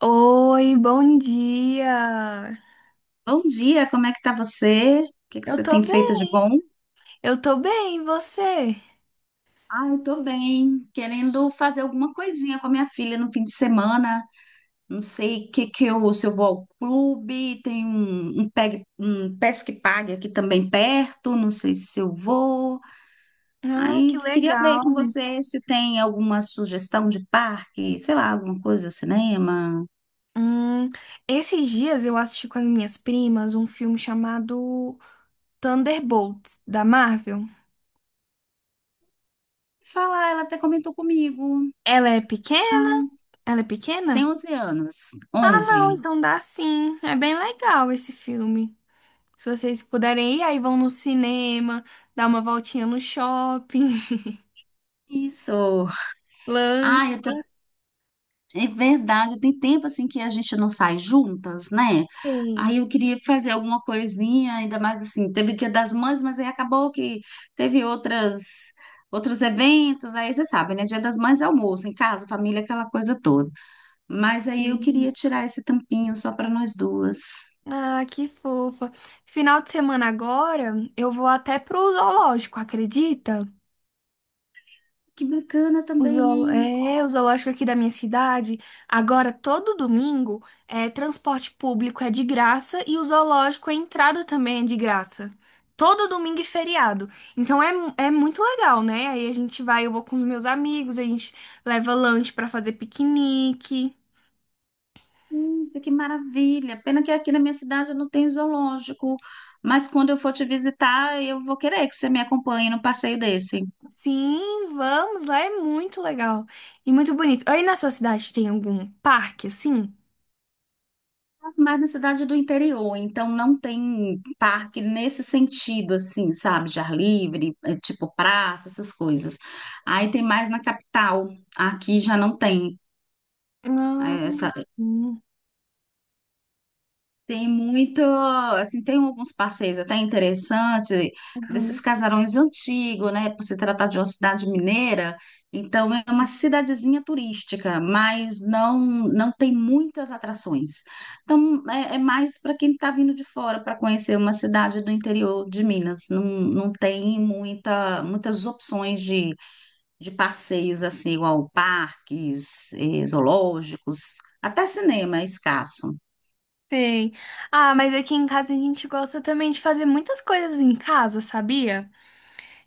Oi, bom dia! Bom dia, como é que tá você? O que que Eu você tô tem feito de bem, bom? eu tô bem, e você? Ah, eu tô bem, querendo fazer alguma coisinha com a minha filha no fim de semana. Não sei o que que eu, se eu vou ao clube, tem um pesque pague aqui também perto, não sei se eu vou. Ah, que Aí queria ver com legal! você se tem alguma sugestão de parque, sei lá, alguma coisa, cinema. Hum, esses dias eu assisti com as minhas primas um filme chamado Thunderbolts, da Marvel. Falar, ela até comentou comigo. Ela é pequena? Ah, Ela é tem pequena? 11 anos, Ah, não, 11. então dá sim. É bem legal esse filme. Se vocês puderem ir, aí vão no cinema, dar uma voltinha no shopping, Isso. Ah, eu tô. lancem. É verdade, tem tempo assim que a gente não sai juntas, né? Aí eu queria fazer alguma coisinha, ainda mais assim, teve o Dia das Mães, mas aí acabou que teve outras outros eventos, aí você sabe, né? Dia das Mães é almoço em casa, família, aquela coisa toda. Mas aí eu queria tirar esse tampinho só para nós duas. Ah, que fofa. Final de semana agora, eu vou até pro zoológico, acredita? Que bacana também, hein? É, o zoológico aqui da minha cidade. Agora, todo domingo, é, transporte público é de graça e o zoológico, a entrada também é de graça. Todo domingo e feriado. Então é muito legal, né? Aí a gente vai, eu vou com os meus amigos, a gente leva lanche pra fazer piquenique. Que maravilha. Pena que aqui na minha cidade eu não tem zoológico, mas quando eu for te visitar, eu vou querer que você me acompanhe num passeio desse. Sim, vamos lá, é muito legal e muito bonito. Aí na sua cidade tem algum parque assim? Mas na cidade do interior, então não tem parque nesse sentido, assim, sabe? De ar livre, é, tipo praça, essas coisas. Aí tem mais na capital. Aqui já não tem, Ah, é, essa... hum, Tem muito, assim, tem alguns passeios até interessantes, desses aham. casarões antigos, né? Por se tratar de uma cidade mineira, então é uma cidadezinha turística, mas não tem muitas atrações. Então é mais para quem está vindo de fora para conhecer uma cidade do interior de Minas. Não, não tem muitas opções de passeios, assim, igual parques, zoológicos, até cinema é escasso. Tem. Ah, mas aqui em casa a gente gosta também de fazer muitas coisas em casa, sabia?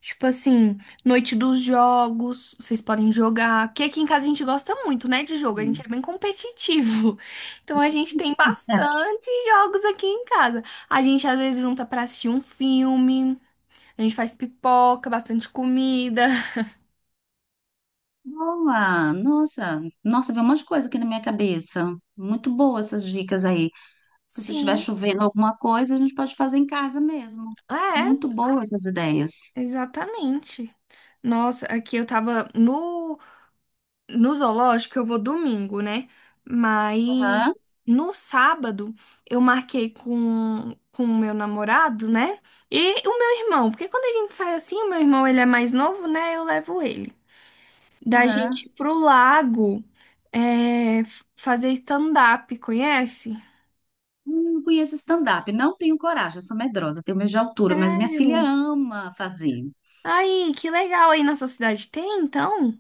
Tipo assim, noite dos jogos, vocês podem jogar. Porque aqui em casa a gente gosta muito, né, de jogo, a gente é bem competitivo. Então a gente tem bastante jogos aqui em casa. A gente às vezes junta pra assistir um filme. A gente faz pipoca, bastante comida. Boa! Nossa, nossa, veio um monte de coisa aqui na minha cabeça. Muito boa essas dicas aí. Porque se estiver Sim. chovendo alguma coisa, a gente pode fazer em casa mesmo. É, Muito boas essas ideias. exatamente. Nossa, aqui eu tava no zoológico, eu vou domingo, né? Mas Aham, no sábado eu marquei com o meu namorado, né? E o meu irmão, porque quando a gente sai assim, o meu irmão ele é mais novo, né? Eu levo ele. Da gente aham. ir pro lago é, fazer stand-up, conhece? Não conheço stand-up, não tenho coragem, sou medrosa, tenho medo de altura, mas minha filha Sério? ama fazer. Ai, que legal aí na sua cidade tem, então?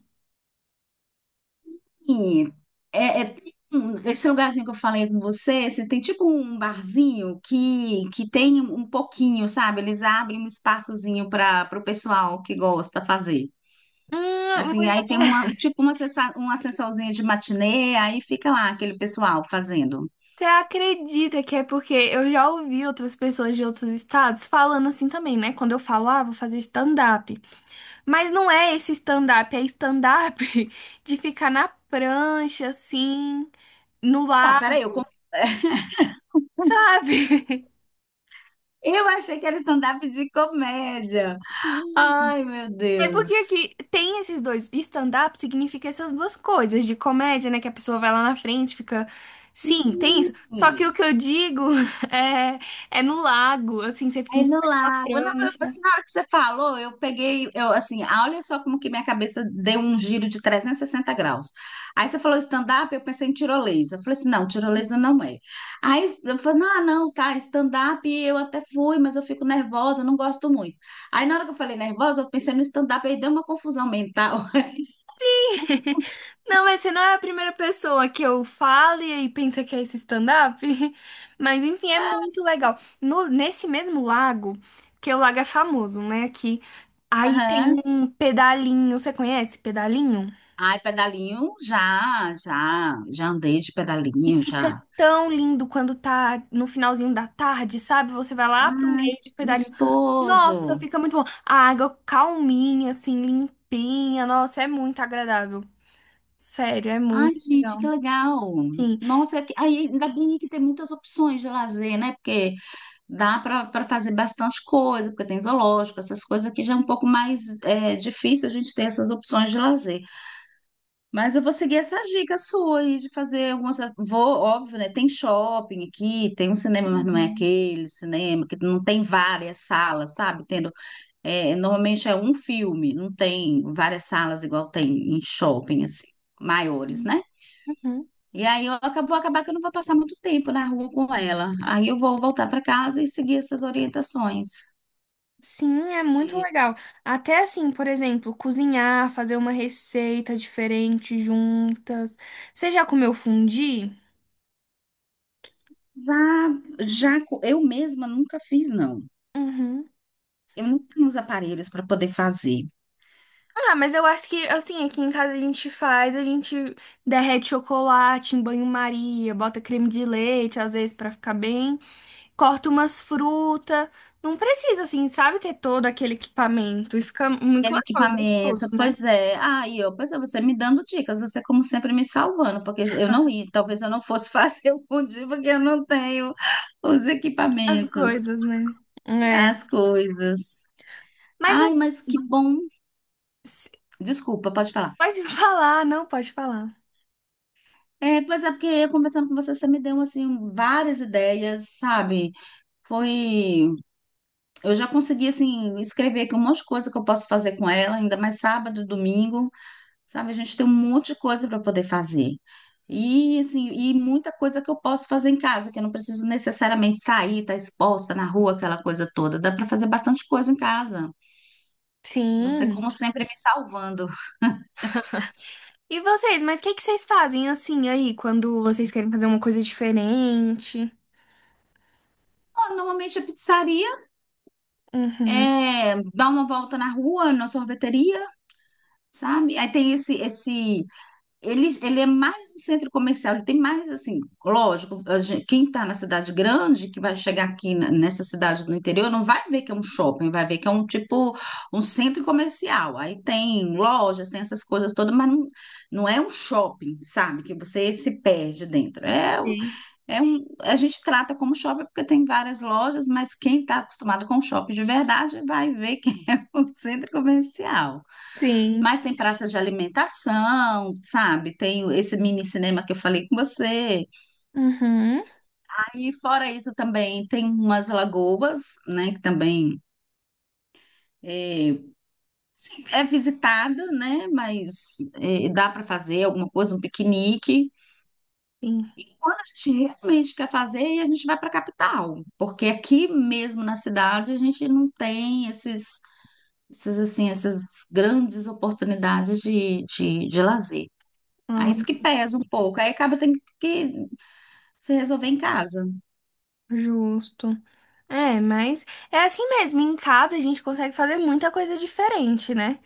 Sim, é, é- esse lugarzinho que eu falei com você, você tem tipo um barzinho que tem um pouquinho, sabe? Eles abrem um espaçozinho para o pessoal que gosta fazer. Assim, e aí tem uma, um Mulher, tipo uma, sessa- uma sessãozinha de matinê, aí fica lá aquele pessoal fazendo. você acredita que é porque eu já ouvi outras pessoas de outros estados falando assim também, né? Quando eu falava, vou fazer stand-up. Mas não é esse stand-up, é stand-up de ficar na prancha, assim, no Ah, lago, peraí, sabe? eu achei que era stand-up de comédia. Sim. Ai, meu É porque Deus. aqui tem esses dois. Stand-up significa essas duas coisas, de comédia, né? Que a pessoa vai lá na frente, fica. Sim, tem isso. Só que o que eu digo é, é no lago, assim, você fica em Aí no cima de uma lago. Não, eu, prancha. assim, na hora que você falou, eu peguei, eu assim, ah, olha só como que minha cabeça deu um giro de 360 graus. Aí você falou stand-up, eu pensei em tirolesa. Eu falei assim, não, tirolesa não é. Aí eu falei, não, não, tá, stand-up eu até fui, mas eu fico nervosa, não gosto muito. Aí na hora que eu falei nervosa, eu pensei no stand-up, aí deu uma confusão mental. Não, mas você não é a primeira pessoa que eu falo e aí pensa que é esse stand-up. Mas enfim, é muito legal. Nesse mesmo lago, que é o lago é famoso, né? Aqui, aí tem Aham. um pedalinho. Você conhece pedalinho? Ai, pedalinho, já, já, já andei de E pedalinho, fica já. tão lindo quando tá no finalzinho da tarde, sabe? Você vai lá pro Ai, meio que de pedalinho. Nossa, gostoso. fica muito bom. A água calminha, assim, limpinha. Nossa, é muito agradável. Sério, é Ai, muito gente, legal. que legal! Sim. Nossa, aí ainda bem que tem muitas opções de lazer, né? Porque dá para fazer bastante coisa, porque tem zoológico, essas coisas aqui já é um pouco mais é, difícil a gente ter essas opções de lazer. Mas eu vou seguir essa dica sua aí de fazer algumas. Vou, óbvio, né? Tem shopping aqui, tem um cinema, mas não é Uhum. aquele cinema, que não tem várias salas, sabe? Tendo, é, normalmente é um filme, não tem várias salas igual tem em shopping, assim, maiores, né? Uhum. E aí vou acabar que eu não vou passar muito tempo na rua com ela. Aí eu vou voltar para casa e seguir essas orientações. Sim, é muito De- legal. Até assim, por exemplo, cozinhar, fazer uma receita diferente juntas. Você já comeu fondue? Já, eu mesma nunca fiz, não. Uhum. Eu não tenho os aparelhos para poder fazer. Ah, mas eu acho que, assim, aqui em casa a gente faz, a gente derrete chocolate em banho-maria, bota creme de leite, às vezes, pra ficar bem, corta umas frutas. Não precisa, assim, sabe, ter todo aquele equipamento. E fica muito Aquele legal e equipamento, gostoso, né? pois é. Aí, ó, pois é, você me dando dicas, você como sempre me salvando, porque eu não ia, talvez eu não fosse fazer o fundir, porque eu não tenho os As equipamentos, coisas, né? É. as coisas. Mas, Ai, assim, mas que bom. Desculpa, pode falar. pode falar, não pode falar. É, pois é, porque eu conversando com você, você me deu, assim, várias ideias, sabe? Foi... Eu já consegui, assim, escrever aqui um monte de coisa que eu posso fazer com ela, ainda mais sábado, domingo, sabe? A gente tem um monte de coisa para poder fazer. E, assim, e muita coisa que eu posso fazer em casa, que eu não preciso necessariamente sair, estar exposta na rua, aquela coisa toda. Dá para fazer bastante coisa em casa. Você, Sim. como sempre, me salvando. E vocês, mas o que que vocês fazem, assim, aí, quando vocês querem fazer uma coisa diferente? Ó, normalmente a pizzaria Uhum. é dar uma volta na rua, na sorveteria, sabe? Aí tem ele é mais um centro comercial, ele tem mais assim, lógico, quem está na cidade grande, que vai chegar aqui nessa cidade do interior, não vai ver que é um shopping, vai ver que é um tipo, um centro comercial. Aí tem lojas, tem essas coisas todas, mas não é um shopping, sabe? Que você se perde dentro. Sim. A gente trata como shopping porque tem várias lojas, mas quem está acostumado com shopping de verdade vai ver que é um centro comercial. Sim. Mas tem praça de alimentação, sabe? Esse mini cinema que eu falei com você. Uhum. Aí, fora isso, também tem umas lagoas, né? Que também é, sim, é visitada, né? Mas é, dá para fazer alguma coisa, um piquenique. Sim, E quando a gente realmente quer fazer, aí a gente vai para a capital, porque aqui mesmo na cidade a gente não tem essas grandes oportunidades de lazer. Aí ah, isso que pesa um pouco. Aí acaba tendo que se resolver em casa. justo. É, mas é assim mesmo. Em casa a gente consegue fazer muita coisa diferente, né?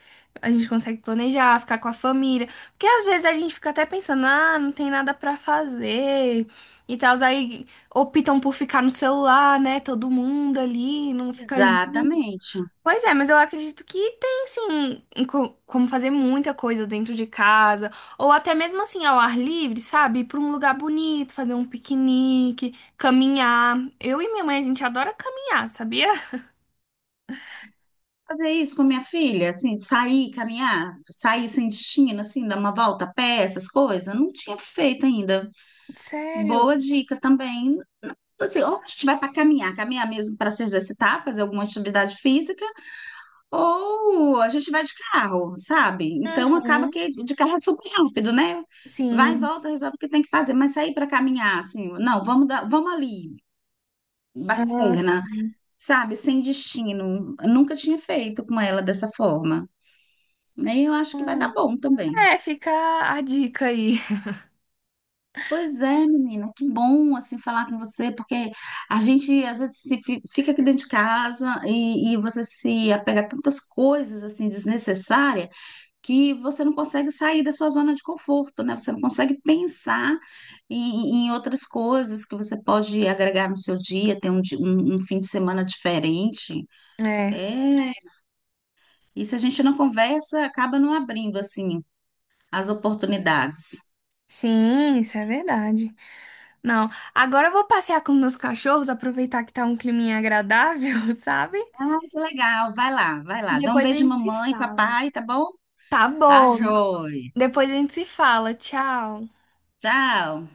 A gente consegue planejar, ficar com a família. Porque às vezes a gente fica até pensando, ah, não tem nada pra fazer e tal. Aí optam por ficar no celular, né? Todo mundo ali, não fica junto. Exatamente. Pois é, mas eu acredito que tem sim em como fazer muita coisa dentro de casa, ou até mesmo assim ao ar livre, sabe? Ir pra um lugar bonito, fazer um piquenique, caminhar. Eu e minha mãe, a gente adora caminhar, sabia? Fazer isso com minha filha, assim, sair, caminhar, sair sem destino, assim, dar uma volta a pé, essas coisas, não tinha feito ainda. Sério? Boa dica também. Assim, ou a gente vai para caminhar, caminhar mesmo para se exercitar, fazer alguma atividade física, ou a gente vai de carro, sabe? Então acaba Uhum. que de carro é super rápido, né? Vai e Sim. volta, resolve o que tem que fazer, mas sair para caminhar, assim, não, vamos dar, vamos ali. Ah, Bacana, sim. sabe? Sem destino. Nunca tinha feito com ela dessa forma. Né? E eu acho que vai dar Hum. bom também. É, fica a dica aí. Pois é, menina, que bom assim falar com você, porque a gente às vezes se fica aqui dentro de casa e você se apega a tantas coisas assim desnecessárias que você não consegue sair da sua zona de conforto, né? Você não consegue pensar em outras coisas que você pode agregar no seu dia, ter um fim de semana diferente. É, É. E se a gente não conversa, acaba não abrindo assim as oportunidades. sim, isso é verdade. Não, agora eu vou passear com meus cachorros, aproveitar que tá um climinha agradável, sabe? Ai, que legal, vai lá, vai E lá. Dá um depois a beijo, gente se mamãe, fala. papai, tá bom? Tá Tá, bom. joia. Depois a gente se fala. Tchau. Tchau.